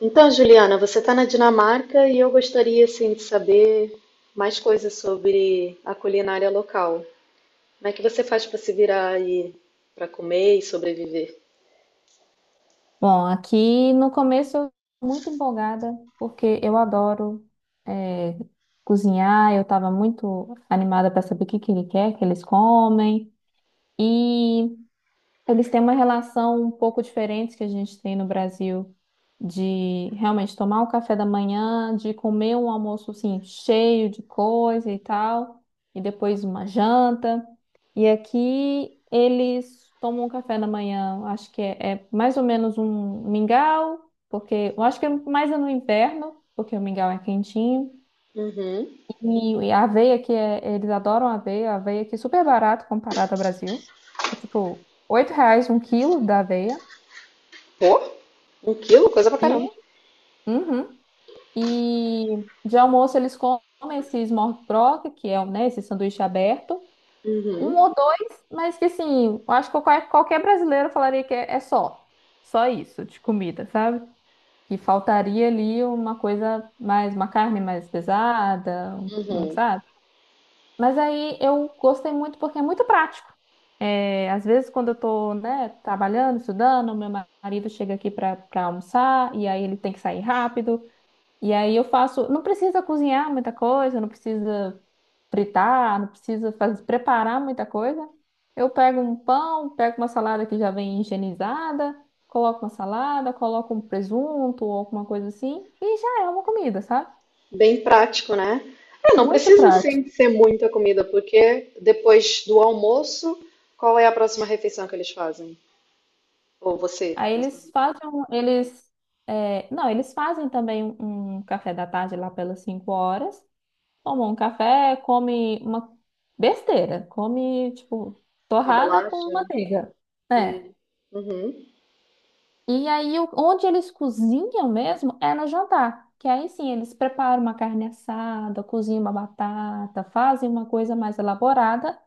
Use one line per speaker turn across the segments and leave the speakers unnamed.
Então, Juliana, você está na Dinamarca e eu gostaria assim, de saber mais coisas sobre a culinária local. Como é que você faz para se virar aí para comer e sobreviver?
Bom, aqui no começo eu tô muito empolgada, porque eu adoro eh, cozinhar, eu estava muito animada para saber o que que ele quer que eles comem. E eles têm uma relação um pouco diferente que a gente tem no Brasil, de realmente tomar o café da manhã, de comer um almoço assim, cheio de coisa e tal, e depois uma janta. E aqui eles tomam um café da manhã, acho que é mais ou menos um mingau, porque eu acho que é mais no inverno, porque o mingau é quentinho.
Uhum.
E a aveia que é, eles adoram aveia, a aveia que é super barato comparado ao Brasil. É tipo, R$ 8 um quilo da aveia.
Pô, um quilo, coisa pra
E,
caramba.
uhum. E de almoço eles comem esse smorgasbord, que é, um, né, esse sanduíche aberto. Um
Uhum.
ou dois, mas que assim, eu acho que qualquer brasileiro falaria que é só. Só isso de comida, sabe? Que faltaria ali uma coisa mais, uma carne mais pesada, um,
Uhum.
sabe? Mas aí eu gostei muito porque é muito prático. É, às vezes, quando eu estou, né, trabalhando, estudando, meu marido chega aqui para almoçar e aí ele tem que sair rápido. E aí eu faço. Não precisa cozinhar muita coisa, não precisa fritar, não precisa fazer, preparar muita coisa. Eu pego um pão, pego uma salada que já vem higienizada, coloco uma salada, coloco um presunto ou alguma coisa assim e já é uma comida, sabe?
Bem prático, né? É, não
Muito
precisa
prático.
assim ser muita comida, porque depois do almoço, qual é a próxima refeição que eles fazem? Ou você?
Aí
Na
eles fazem, um- eles, é, não, eles fazem também um café da tarde lá pelas 5 horas, tomam um café, come uma besteira, come, tipo,
Uma
torrada
bolacha?
com manteiga, né?
Hum. Uhum.
E aí, onde eles cozinham mesmo é no jantar, que aí sim, eles preparam uma carne assada, cozinham uma batata, fazem uma coisa mais elaborada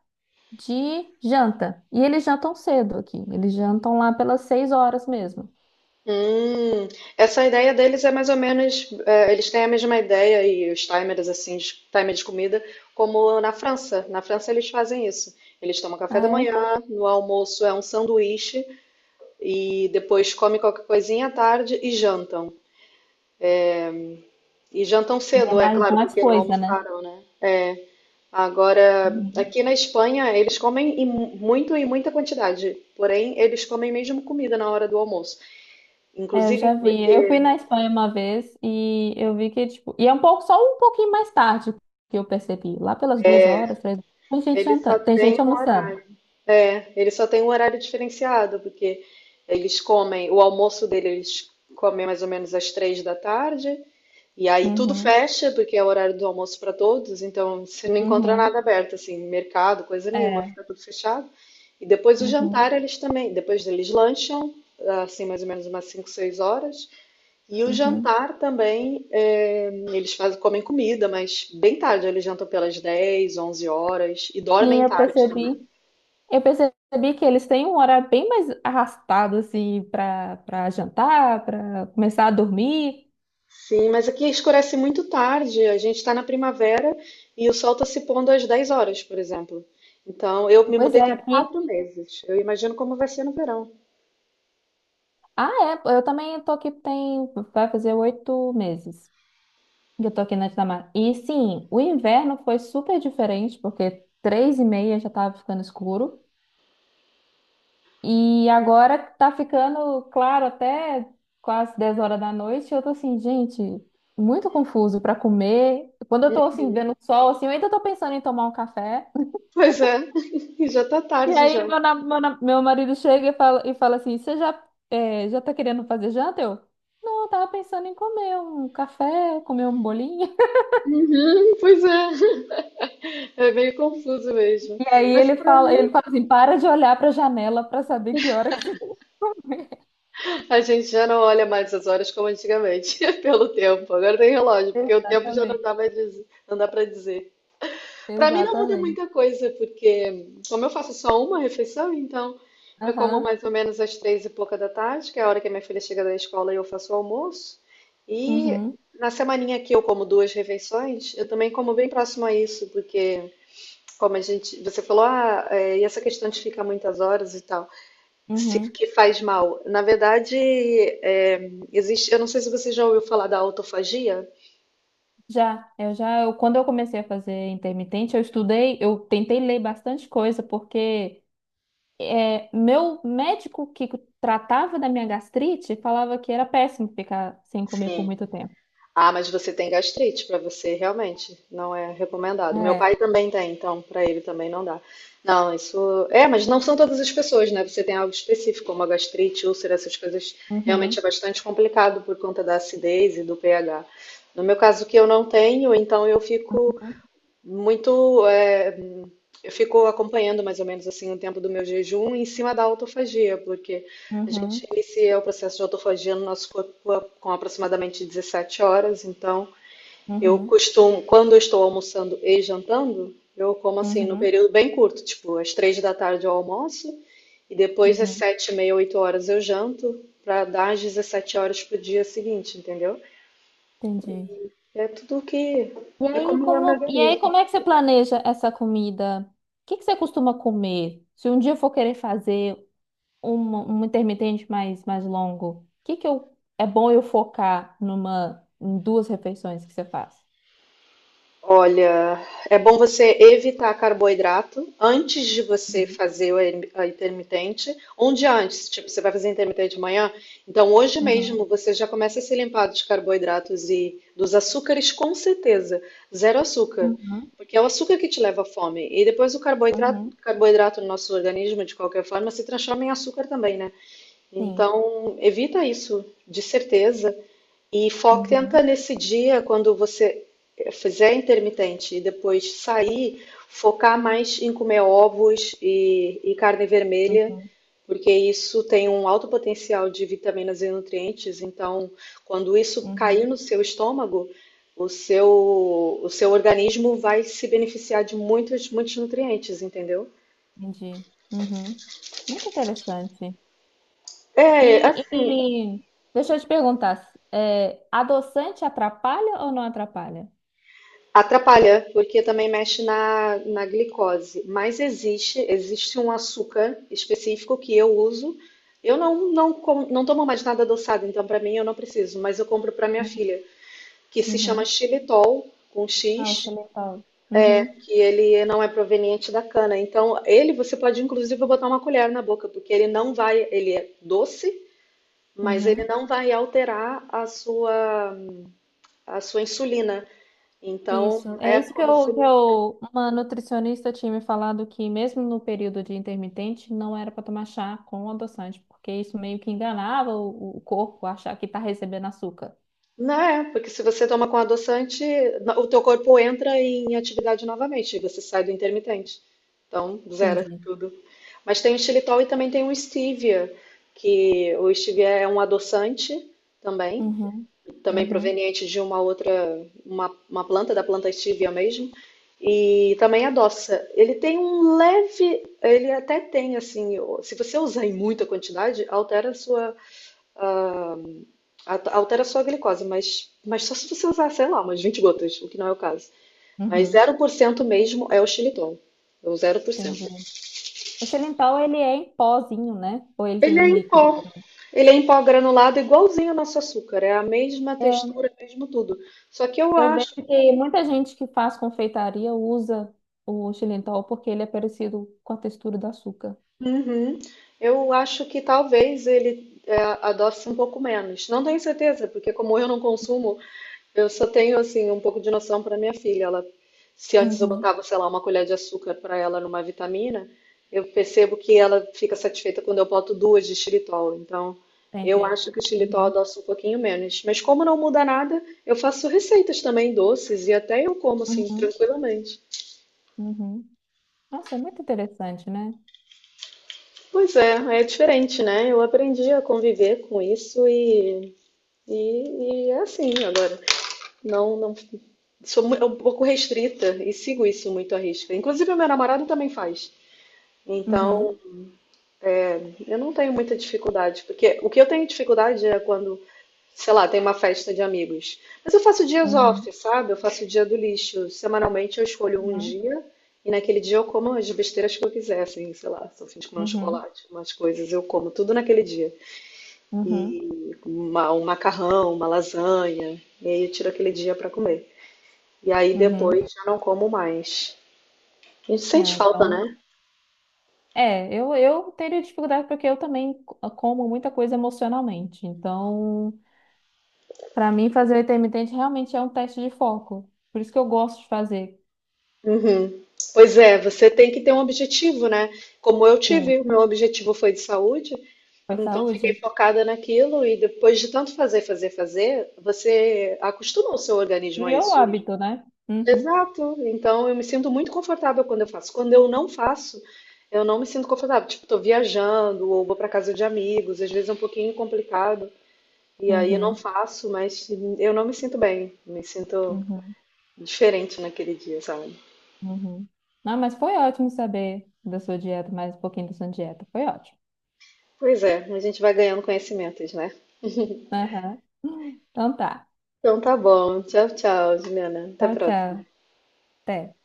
de janta. E eles jantam cedo aqui, eles jantam lá pelas 6 horas mesmo.
Hum, essa ideia deles é mais ou menos, é, eles têm a mesma ideia e os timers assim, timer de comida, como na França. Na França eles fazem isso. Eles tomam café da manhã, no almoço é um sanduíche e depois comem qualquer coisinha à tarde e jantam. E jantam
E é
cedo, é
mais,
claro,
mais
porque não
coisa, né?
almoçaram, né? Agora,
Uhum.
aqui na Espanha eles comem em muito e muita quantidade, porém eles comem mesmo comida na hora do almoço.
É, eu
Inclusive
já vi. Eu
porque
fui na Espanha uma vez e eu vi que, tipo, e é um pouco, só um pouquinho mais tarde que eu percebi. Lá pelas 2 horas, três, tem gente
eles só
jantando, tem gente
têm um
almoçando.
horário. É, ele só tem um horário diferenciado, porque eles comem, o almoço dele eles comem mais ou menos às três da tarde, e aí tudo
Uhum,
fecha, porque é o horário do almoço para todos, então você não encontra
uhum,
nada aberto, assim, mercado, coisa nenhuma,
é,
fica tudo fechado. E depois o
uhum,
jantar eles também, depois eles lancham, assim, mais ou menos umas cinco, seis horas, e o
uhum.
jantar também, é, eles fazem, comem comida, mas bem tarde, eles jantam pelas 10, 11 horas, e
Sim,
dormem
eu
tarde também.
percebi. Eu percebi que eles têm um horário bem mais arrastado, assim, para jantar, para começar a dormir.
Sim, mas aqui escurece muito tarde. A gente está na primavera e o sol está se pondo às 10 horas, por exemplo. Então, eu me
Pois
mudei
é,
tem
aqui.
quatro meses. Eu imagino como vai ser no verão.
Ah, é, eu também tô aqui, tem, vai fazer 8 meses. Eu tô aqui na Dinamarca. E sim, o inverno foi super diferente, porque 3h30 já tava ficando escuro. E agora tá ficando claro até quase 10 horas da noite. Eu tô assim, gente, muito confuso pra comer. Quando eu tô assim, vendo o sol, assim, eu ainda tô pensando em tomar um café.
Pois é, e já tá
E
tarde
aí
já.
meu marido chega e fala assim: Você já, já tá querendo fazer janta? Eu, não, eu tava pensando em comer um café, comer um bolinho.
Uhum, pois é, é meio confuso mesmo.
E aí
Mas para mim,
ele fala assim, para de olhar para a janela para saber que hora que você vai.
a gente já não olha mais as horas como antigamente, pelo tempo. Agora tem relógio, porque o tempo já não
Exatamente,
dá mais, não dá para dizer. Para mim não muda
exatamente.
muita coisa, porque como eu faço só uma refeição, então eu como
Aham,
mais ou menos às três e pouca da tarde, que é a hora que a minha filha chega da escola e eu faço o almoço. E
uhum,
na semaninha que eu como duas refeições, eu também como bem próximo a isso, porque como a gente, você falou, ah, é, e essa questão de ficar muitas horas e tal, se,
uhum.
que faz mal. Na verdade, é, existe, eu não sei se você já ouviu falar da autofagia.
Já, quando eu comecei a fazer intermitente, eu estudei, eu tentei ler bastante coisa, porque é, meu médico que tratava da minha gastrite falava que era péssimo ficar sem comer por
Sim.
muito tempo.
Ah, mas você tem gastrite, para você, realmente, não é recomendado. Meu
É,
pai também tem, então para ele também não dá. Não, isso. É, mas não são todas as pessoas, né? Você tem algo específico, como a gastrite, úlcera, essas coisas, realmente é
uhum,
bastante complicado por conta da acidez e do pH. No meu caso, que eu não tenho, então eu fico muito. É, eu fico acompanhando mais ou menos assim o tempo do meu jejum em cima da autofagia, porque a gente
uhum,
inicia o processo de autofagia no nosso corpo com aproximadamente 17 horas. Então, eu
uhum,
costumo, quando eu estou almoçando e jantando, eu como assim no
uhum,
período bem curto, tipo às 3 da tarde eu almoço e depois às
uhum.
sete e meia, 8 horas eu janto para dar às 17 horas pro dia seguinte, entendeu?
Entendi.
É tudo que é como eu me
E aí,
organizo.
como é que você planeja essa comida? O que que você costuma comer? Se um dia eu for querer fazer um intermitente mais longo, o que que eu, é bom eu focar numa, em duas refeições que você faz?
Olha, é bom você evitar carboidrato antes de você
Uhum,
fazer o a intermitente. Um dia antes, tipo, você vai fazer intermitente de manhã, então hoje mesmo
uhum,
você já começa a se limpar dos carboidratos e dos açúcares, com certeza. Zero açúcar,
uhum,
porque é o açúcar que te leva à fome. E depois o carboidrato,
uhum,
carboidrato no nosso organismo, de qualquer forma, se transforma em açúcar também, né?
sim,
Então, evita isso, de certeza. E foca, tenta
uhum,
nesse dia, quando você fizer intermitente e depois sair, focar mais em comer ovos e carne vermelha,
uhum,
porque isso tem um alto potencial de vitaminas e nutrientes. Então, quando isso cair
uhum,
no seu estômago, o seu, o seu organismo vai se beneficiar de muitos, muitos nutrientes, entendeu?
entendi. Uhum. Muito interessante.
É.
E deixa eu te perguntar, adoçante atrapalha ou não atrapalha?
Atrapalha, porque também mexe na glicose. Mas existe, existe um açúcar específico que eu uso. Eu não, não, não tomo mais nada adoçado, então para mim eu não preciso, mas eu compro para minha filha, que se chama
Uhum.
xilitol, com
Ah, o
X,
xilitol. Uhum,
que ele não é proveniente da cana. Então, ele você pode inclusive botar uma colher na boca, porque ele não vai, ele é doce, mas ele
uhum.
não vai alterar a sua insulina. Então,
Isso. É
é
isso
como se.
uma nutricionista tinha me falado que mesmo no período de intermitente não era para tomar chá com adoçante, porque isso meio que enganava o corpo a achar que tá recebendo açúcar.
Né, porque se você toma com adoçante, o teu corpo entra em atividade novamente, e você sai do intermitente. Então, zera
Entendi.
tudo. Mas tem o xilitol e também tem o stevia, que o stevia é um adoçante também,
Uhum,
também
uhum,
proveniente de uma outra, uma planta, da planta stevia mesmo, e também adoça. Ele tem um leve, ele até tem assim, se você usar em muita quantidade, altera a sua. Altera a sua glicose, mas só se você usar, sei lá, umas 20 gotas, o que não é o caso. Mas
uhum.
zero por cento mesmo é o xilitol. É o zero por cento.
Entendi. O xilitol, ele é em pozinho, né? Ou ele
Ele
tem
é
em
em
líquido
pó.
também?
Ele é em pó granulado, igualzinho ao nosso açúcar. É a mesma
É,
textura, mesmo tudo. Só que eu
eu vejo
acho,
que muita gente que faz confeitaria usa o xilitol porque ele é parecido com a textura do açúcar.
Uhum. eu acho que talvez ele é, adoce um pouco menos. Não tenho certeza, porque como eu não consumo, eu só tenho assim um pouco de noção para minha filha. Ela, se antes eu
Uhum.
botava, sei lá, uma colher de açúcar para ela numa vitamina, eu percebo que ela fica satisfeita quando eu boto duas de xilitol. Então, eu
Entendi.
acho que o xilitol
Uhum,
adoça um pouquinho menos. Mas como não muda nada, eu faço receitas também doces e até eu como assim
uhum,
tranquilamente.
uhum. Nossa, é muito interessante, né?
Pois é, é diferente, né? Eu aprendi a conviver com isso e é assim agora. Não, não sou é um pouco restrita e sigo isso muito à risca. Inclusive, o meu namorado também faz.
Uhum,
Então, eu não tenho muita dificuldade, porque o que eu tenho dificuldade é quando, sei lá, tem uma festa de amigos. Mas eu faço dias
uhum,
off, sabe? Eu faço o dia do lixo. Semanalmente eu escolho um
uhum,
dia e naquele dia eu como as besteiras que eu quiser, assim, sei lá, se eu fim de comer um
uhum,
chocolate, umas coisas, eu como tudo naquele dia.
uhum,
E um macarrão, uma lasanha, e aí eu tiro aquele dia para comer. E aí
uhum.
depois já não como mais. A gente sente
Ah,
falta,
então,
né?
é, eu teria dificuldade porque eu também como muita coisa emocionalmente. Então, para mim, fazer o intermitente realmente é um teste de foco. Por isso que eu gosto de fazer.
Uhum. Pois é, você tem que ter um objetivo, né? Como eu
Sim,
tive, o meu objetivo foi de saúde,
foi
então fiquei
saúde.
focada naquilo e depois de tanto fazer, fazer, fazer, você acostuma o seu organismo a
Criou o
isso.
hábito, né? Uhum,
Exato. Então eu me sinto muito confortável quando eu faço. Quando eu não faço, eu não me sinto confortável. Tipo, tô viajando ou vou para casa de amigos, às vezes é um pouquinho complicado e aí eu não
uhum,
faço, mas eu não me sinto bem. Me sinto
uhum,
diferente naquele dia, sabe?
uhum. Não, mas foi ótimo saber da sua dieta, mais um pouquinho da sua dieta. Foi ótimo.
Pois é, a gente vai ganhando conhecimentos, né?
Aham. Então tá.
Então tá bom. Tchau, tchau, Juliana. Até a
Tchau, tchau.
próxima.
Até.